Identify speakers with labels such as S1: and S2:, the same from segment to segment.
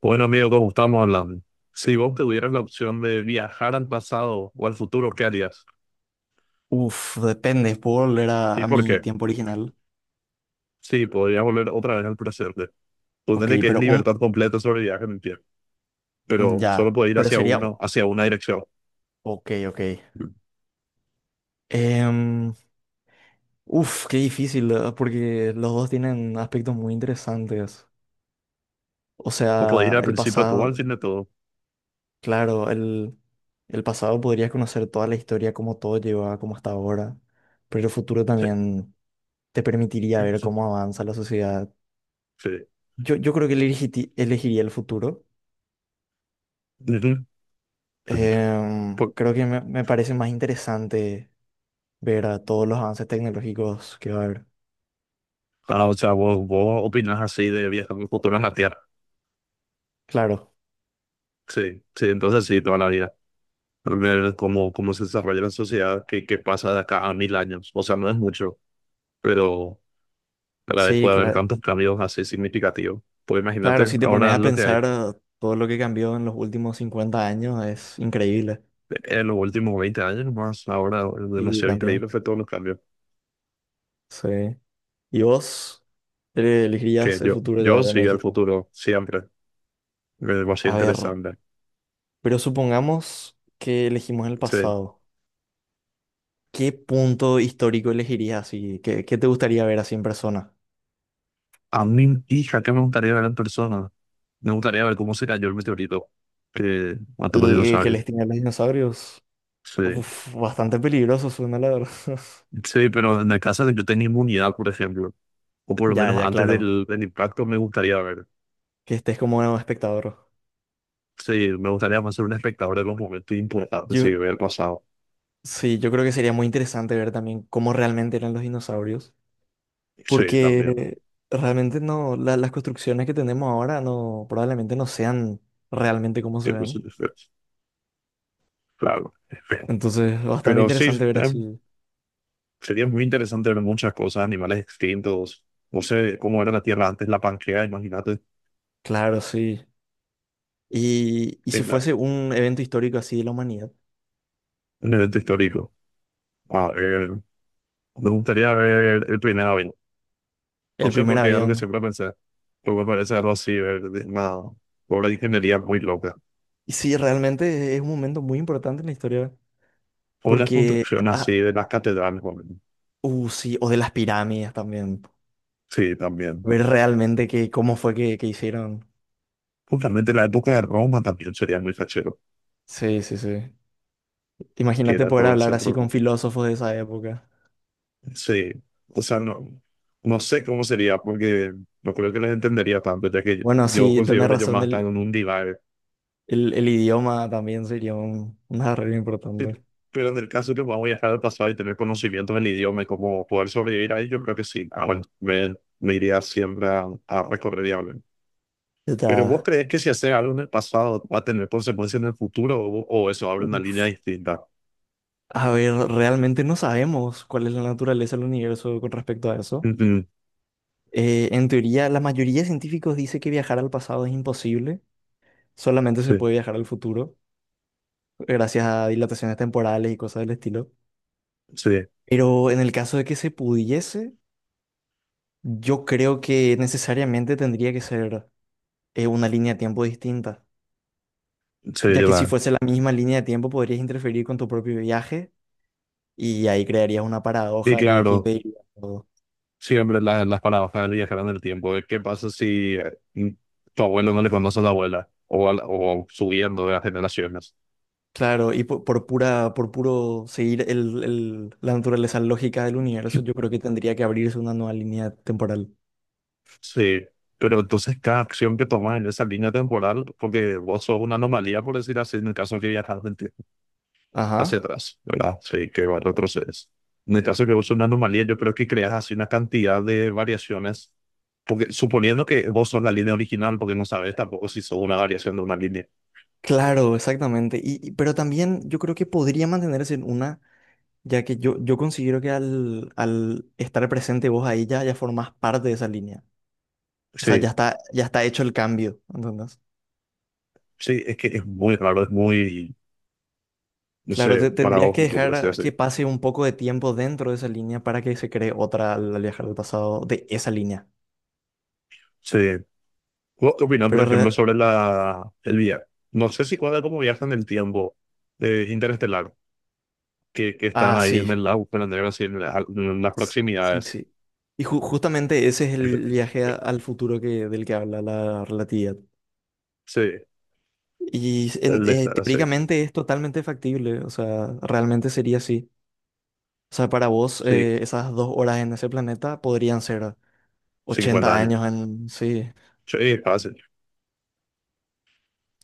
S1: Bueno, amigo, ¿cómo estamos hablando? Si vos tuvieras la opción de viajar al pasado o al futuro, ¿qué harías?
S2: Uf, depende. ¿Puedo volver a,
S1: ¿Y
S2: a
S1: por
S2: mi
S1: qué?
S2: tiempo original?
S1: Sí, podrías volver otra vez al presente.
S2: Ok,
S1: Ponele que es
S2: pero un...
S1: libertad completa sobre viaje en el tiempo, pero solo
S2: Ya,
S1: puede ir
S2: pero
S1: hacia
S2: sería...
S1: uno, hacia una dirección.
S2: Ok, ok. Em, uf, qué difícil, ¿verdad? Porque los dos tienen aspectos muy interesantes. O
S1: O puede ir
S2: sea,
S1: al
S2: el
S1: principio a todo, al
S2: pasado,
S1: fin de todo.
S2: claro, el pasado podrías conocer toda la historia, cómo todo lleva, a como hasta ahora, pero el futuro
S1: Sí.
S2: también te permitiría ver cómo avanza la sociedad.
S1: Sí.
S2: Yo creo que elegiría el futuro.
S1: Ujú. Por-
S2: Creo que me parece más interesante ver a todos los avances tecnológicos que va a haber.
S1: o sea, vos opinas así de viajar al futuro en la Tierra.
S2: Claro,
S1: Sí, sí, entonces sí, toda la vida. Ver cómo, cómo se desarrolla la sociedad, qué pasa de acá a 1000 años. O sea, no es mucho, pero para
S2: sí,
S1: después de haber tantos cambios así significativos. Pues
S2: claro,
S1: imagínate,
S2: si te pones
S1: ahora
S2: a
S1: lo que hay
S2: pensar todo lo que cambió en los últimos 50 años es increíble.
S1: en los últimos 20 años más, ahora es
S2: Sí,
S1: demasiado
S2: también.
S1: increíble fue todos los cambios.
S2: Sí. ¿Y vos
S1: Que
S2: elegirías el futuro ya,
S1: yo
S2: ya
S1: sí,
S2: me
S1: el
S2: dijiste?
S1: futuro, siempre, me va a ser
S2: A ver,
S1: interesante.
S2: pero supongamos que elegimos el
S1: Sí.
S2: pasado. ¿Qué punto histórico elegirías así? Qué te gustaría ver así en persona?
S1: A mi hija, ¿qué me gustaría ver en persona? Me gustaría ver cómo se cayó el meteorito que mató a los
S2: El que
S1: dinosaurios.
S2: les tiene a los dinosaurios?
S1: Sí,
S2: Uf, bastante peligroso suena la verdad.
S1: sí, pero en el caso de que yo tenga inmunidad, por ejemplo, o por lo
S2: Ya,
S1: menos
S2: ya,
S1: antes
S2: claro,
S1: del impacto, me gustaría ver.
S2: que estés como un espectador.
S1: Sí, me gustaría más ser un espectador de los momentos importantes,
S2: Yo,
S1: sí, ver el pasado.
S2: sí, yo creo que sería muy interesante ver también cómo realmente eran los dinosaurios,
S1: Sí, también.
S2: porque realmente no, las construcciones que tenemos ahora no, probablemente no sean realmente como se
S1: Sí, pues, sí,
S2: ven.
S1: sí, sí, claro. Es feo.
S2: Entonces, bastante
S1: Pero sí,
S2: interesante ver así.
S1: sería muy interesante ver muchas cosas, animales extintos. No sé cómo era la Tierra antes, la Pangea, imagínate,
S2: Claro, sí. Y si
S1: en, la-
S2: fuese un evento histórico así de la humanidad,
S1: en el evento histórico. A ver, me gustaría ver el primer avión. No
S2: el
S1: sé
S2: primer
S1: por qué, algo que
S2: avión.
S1: siempre pensé. Pero me parece algo así, ver de una obra de ingeniería muy loca.
S2: Y sí, realmente es un momento muy importante en la historia,
S1: O la
S2: porque,
S1: construcción así
S2: ah,
S1: de las catedrales. Bueno,
S2: sí, o de las pirámides también.
S1: sí, también.
S2: Ver realmente cómo fue que hicieron.
S1: Justamente la época de Roma también sería muy fachero,
S2: Sí, sí, sí.
S1: que
S2: Imagínate
S1: era
S2: poder
S1: todo el
S2: hablar así
S1: centro.
S2: con filósofos de esa época.
S1: Sí, o sea, no, no sé cómo sería porque no creo que les entendería tanto, ya que
S2: Bueno,
S1: yo,
S2: sí,
S1: considero
S2: tenés
S1: que ellos
S2: razón,
S1: más están en un divague.
S2: el idioma también sería un arreglo
S1: Pero,
S2: importante.
S1: pero en el caso que vamos a viajar al pasado y tener conocimientos del idioma y cómo poder sobrevivir ahí, yo creo que sí. Ah, bueno, me iría siempre a recorrer y hablar. Pero ¿vos
S2: Ya.
S1: crees que si haces algo en el pasado va a tener consecuencias en el futuro o eso abre una línea distinta?
S2: A ver, realmente no sabemos cuál es la naturaleza del universo con respecto a eso.
S1: Ujú,
S2: En teoría, la mayoría de científicos dice que viajar al pasado es imposible, solamente se
S1: sí,
S2: puede viajar al futuro, gracias a dilataciones temporales y cosas del estilo.
S1: sí,
S2: Pero en el caso de que se pudiese, yo creo que necesariamente tendría que ser una línea de tiempo distinta,
S1: sí,
S2: ya que si
S1: lleva.
S2: fuese la misma línea de tiempo podrías interferir con tu propio viaje y ahí crearías una
S1: Y
S2: paradoja que
S1: claro.
S2: impediría todo.
S1: Siempre la- las palabras para viajar en el tiempo. ¿Qué pasa si tu abuelo no le conoce a la abuela? O, o subiendo de las generaciones.
S2: Claro, y por pura, por puro seguir la naturaleza lógica del universo, yo creo que tendría que abrirse una nueva línea temporal.
S1: Sí, pero entonces cada acción que tomas en esa línea temporal, porque vos sos una anomalía, por decir así, en el caso que viajas del tiempo hacia
S2: Ajá.
S1: atrás, ¿verdad? Sí, que va, retrocedes. En el caso que vos sos una anomalía, yo creo que creas así una cantidad de variaciones, porque suponiendo que vos sos la línea original, porque no sabes tampoco si sos una variación de una línea.
S2: Claro, exactamente. Pero también yo creo que podría mantenerse en una, ya que yo considero que al estar presente vos ahí ya, ya formás parte de esa línea. O sea,
S1: Sí,
S2: ya está hecho el cambio, ¿entendés?
S1: sí, es que es muy raro, es muy no
S2: Claro,
S1: sé,
S2: tendrías que
S1: paradójico, por así
S2: dejar que
S1: decirlo.
S2: pase un poco de tiempo dentro de esa línea para que se cree otra al al viajar al pasado de esa línea.
S1: Sí. ¿Vos qué opinas, por
S2: Pero,
S1: ejemplo,
S2: re-
S1: sobre el viaje? No sé si cuadra cómo viajan el tiempo de interestelar, que están
S2: ah,
S1: ahí
S2: sí,
S1: en el lago, pero así, en las
S2: sí,
S1: proximidades.
S2: sí. Y justamente ese es el viaje al futuro que, del que habla la relatividad.
S1: Sí,
S2: Y
S1: el de estar así.
S2: teóricamente es totalmente factible, o sea, realmente sería así. O sea, para vos,
S1: Sí,
S2: esas dos horas en ese planeta podrían ser
S1: 50
S2: 80
S1: años.
S2: años en... Sí.
S1: Sí, fácil.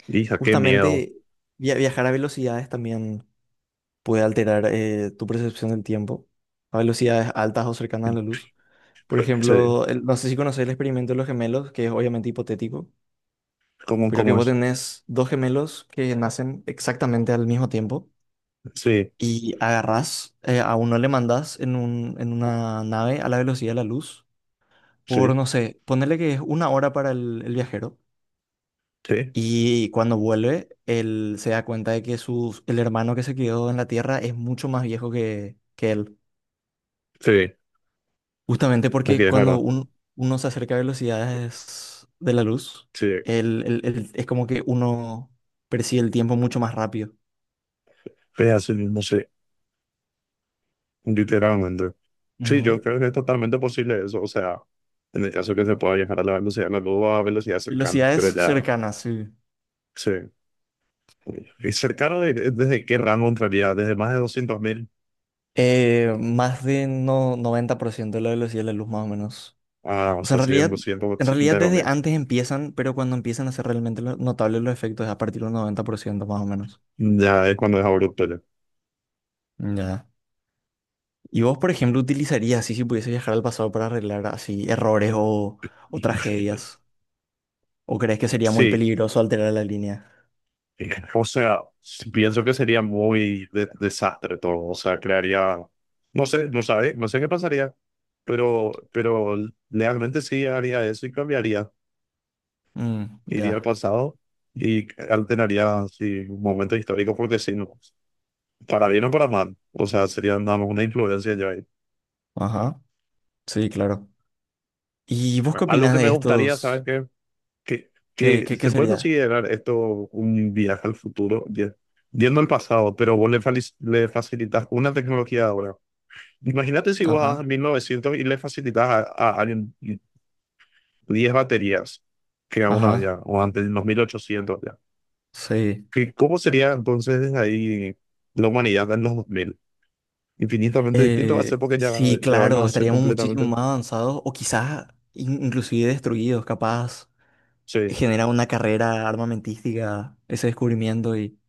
S1: Hija, qué miedo.
S2: Justamente viajar a velocidades también puede alterar tu percepción del tiempo a velocidades altas o cercanas a la luz. Por
S1: Sí,
S2: ejemplo, no sé si conoces el experimento de los gemelos, que es obviamente hipotético,
S1: ¿cómo,
S2: pero que
S1: cómo
S2: vos
S1: es?
S2: tenés dos gemelos que nacen exactamente al mismo tiempo
S1: Sí,
S2: y agarrás, a uno le mandás en en una nave a la velocidad de la luz por,
S1: sí,
S2: no sé, ponerle que es una hora para el viajero.
S1: sí,
S2: Y cuando vuelve, él se da cuenta de que el hermano que se quedó en la Tierra es mucho más viejo que él.
S1: sí.
S2: Justamente
S1: Aquí
S2: porque
S1: es
S2: cuando
S1: verdad.
S2: uno se acerca a velocidades de la luz,
S1: Sí,
S2: es como que uno percibe el tiempo mucho más rápido.
S1: es así mismo, sí. Literalmente. Sí,
S2: Ujú.
S1: yo creo que es totalmente posible eso. O sea, en el caso que se pueda viajar a la velocidad de la luz o a velocidad cercana,
S2: Velocidades
S1: pero ya,
S2: cercanas, sí.
S1: sí. ¿Y cercano desde qué rango entraría? Desde más de 200.000,
S2: Más de no, 90% de la velocidad de la luz, más o menos.
S1: ah, o
S2: O sea,
S1: sea, serían doscientos
S2: en realidad
S1: setenta
S2: desde
S1: mil
S2: antes empiezan, pero cuando empiezan a ser realmente notables los efectos es a partir del ciento más o menos.
S1: Ya es cuando es abrupto. Ya.
S2: Ya. ¿Y vos, por ejemplo, utilizarías así si pudiese viajar al pasado para arreglar así errores o tragedias? ¿O crees que sería muy
S1: Sí,
S2: peligroso alterar la línea?
S1: o sea, pienso que sería muy desastre todo. O sea, crearía, no sé, no sabe, no sé qué pasaría, pero realmente sí haría eso y cambiaría. Iría al
S2: Ya.
S1: pasado y alteraría sí, un momento histórico porque sí, no, para bien o para mal. O sea, sería nada más una influencia yo ahí.
S2: Ajá. Sí, claro. ¿Y vos qué
S1: Algo
S2: opinás
S1: que
S2: de
S1: me gustaría, ¿sabes
S2: estos?
S1: qué?
S2: ¿Qué,
S1: Que
S2: qué, qué
S1: se puede
S2: sería?
S1: considerar esto un viaje al futuro, viendo el pasado, pero vos le facilitas una tecnología ahora. Imagínate si vos vas a
S2: Ajá.
S1: 1900 y le facilitas a alguien 10 baterías que aún
S2: Ajá.
S1: había, o antes, en los 1800 ya.
S2: Sí.
S1: ¿Qué- ¿Cómo sería entonces ahí la humanidad en los 2000? Infinitamente distinto va a ser porque ya,
S2: Sí,
S1: ya van
S2: claro,
S1: a ser
S2: estaríamos muchísimo
S1: completamente.
S2: más avanzados o quizás inclusive destruidos, capaz.
S1: Sí,
S2: Genera una carrera armamentística, ese descubrimiento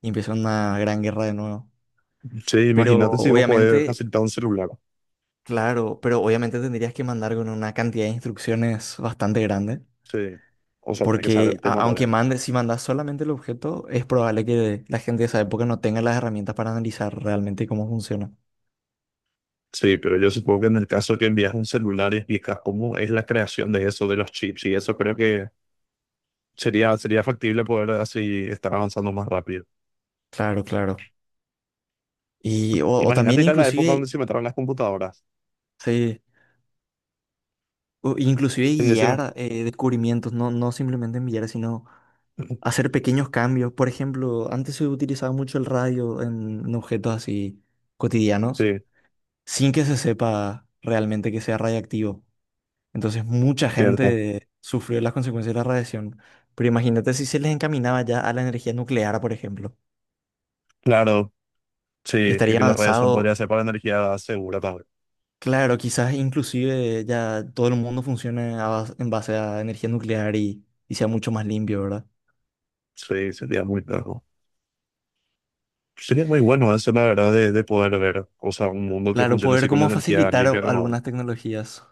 S2: y empieza una gran guerra de nuevo.
S1: sí,
S2: Pero
S1: imagínate si vos podés
S2: obviamente,
S1: facilitar un celular.
S2: claro, pero obviamente tendrías que mandar con una cantidad de instrucciones bastante grande,
S1: Sí, o sea, tenés que saber
S2: porque
S1: el tema
S2: aunque
S1: también.
S2: mandes, si mandas solamente el objeto, es probable que la gente de esa época no tenga las herramientas para analizar realmente cómo funciona.
S1: Sí, pero yo supongo que en el caso que envías un celular y explicas cómo es la creación de eso, de los chips y eso, creo que sería, sería factible poder así estar avanzando más rápido.
S2: Claro, claro. Y o
S1: Imagínate
S2: también
S1: ir a la época
S2: inclusive,
S1: donde se metieron las computadoras.
S2: sí, o inclusive
S1: Sí, decime.
S2: guiar descubrimientos, no simplemente enviar, sino hacer pequeños cambios. Por ejemplo, antes se utilizaba mucho el radio en objetos así cotidianos,
S1: Sí,
S2: sin que se sepa realmente que sea radiactivo. Entonces mucha
S1: cierto.
S2: gente sufrió las consecuencias de la radiación. Pero imagínate si se les encaminaba ya a la energía nuclear, por ejemplo.
S1: Claro, sí,
S2: Estaría
S1: que las redes son
S2: avanzado,
S1: podría ser para energía segura también.
S2: claro, quizás inclusive ya todo el mundo funcione a en base a energía nuclear y sea mucho más limpio, ¿verdad?
S1: Sí, sería muy claro. Sería muy bueno eso, la verdad, de poder ver, o sea, un mundo que
S2: Claro,
S1: funcione
S2: poder
S1: así con
S2: como
S1: energía limpia
S2: facilitar
S1: y renovable.
S2: algunas tecnologías.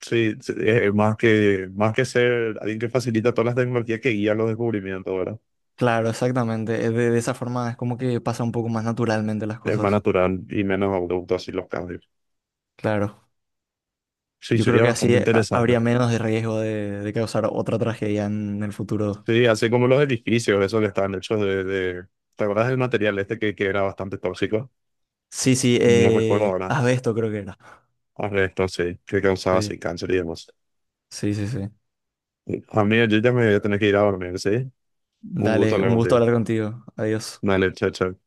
S1: Sí, sí, es más que ser alguien que facilita todas las tecnologías que guían los descubrimientos, ¿verdad?
S2: Claro, exactamente. De esa forma es como que pasa un poco más naturalmente las
S1: Es más
S2: cosas.
S1: natural y menos abrupto así los cambios.
S2: Claro.
S1: Sí,
S2: Yo creo
S1: sería
S2: que
S1: bastante
S2: así
S1: interesante.
S2: habría menos de riesgo de causar otra tragedia en el futuro.
S1: Sí, así como los edificios, esos que están hechos de... ¿Te acuerdas del material este que era bastante tóxico?
S2: Sí, sí,
S1: No recuerdo ahora.
S2: asbesto creo que era.
S1: Ahora esto sí, que causaba
S2: Sí,
S1: así cáncer y demás.
S2: sí, sí, sí.
S1: A mí yo ya me voy a tener que ir a dormir, ¿sí? Un gusto
S2: Dale,
S1: hablar
S2: un gusto
S1: contigo.
S2: hablar contigo. Adiós.
S1: Dale, chao, chao.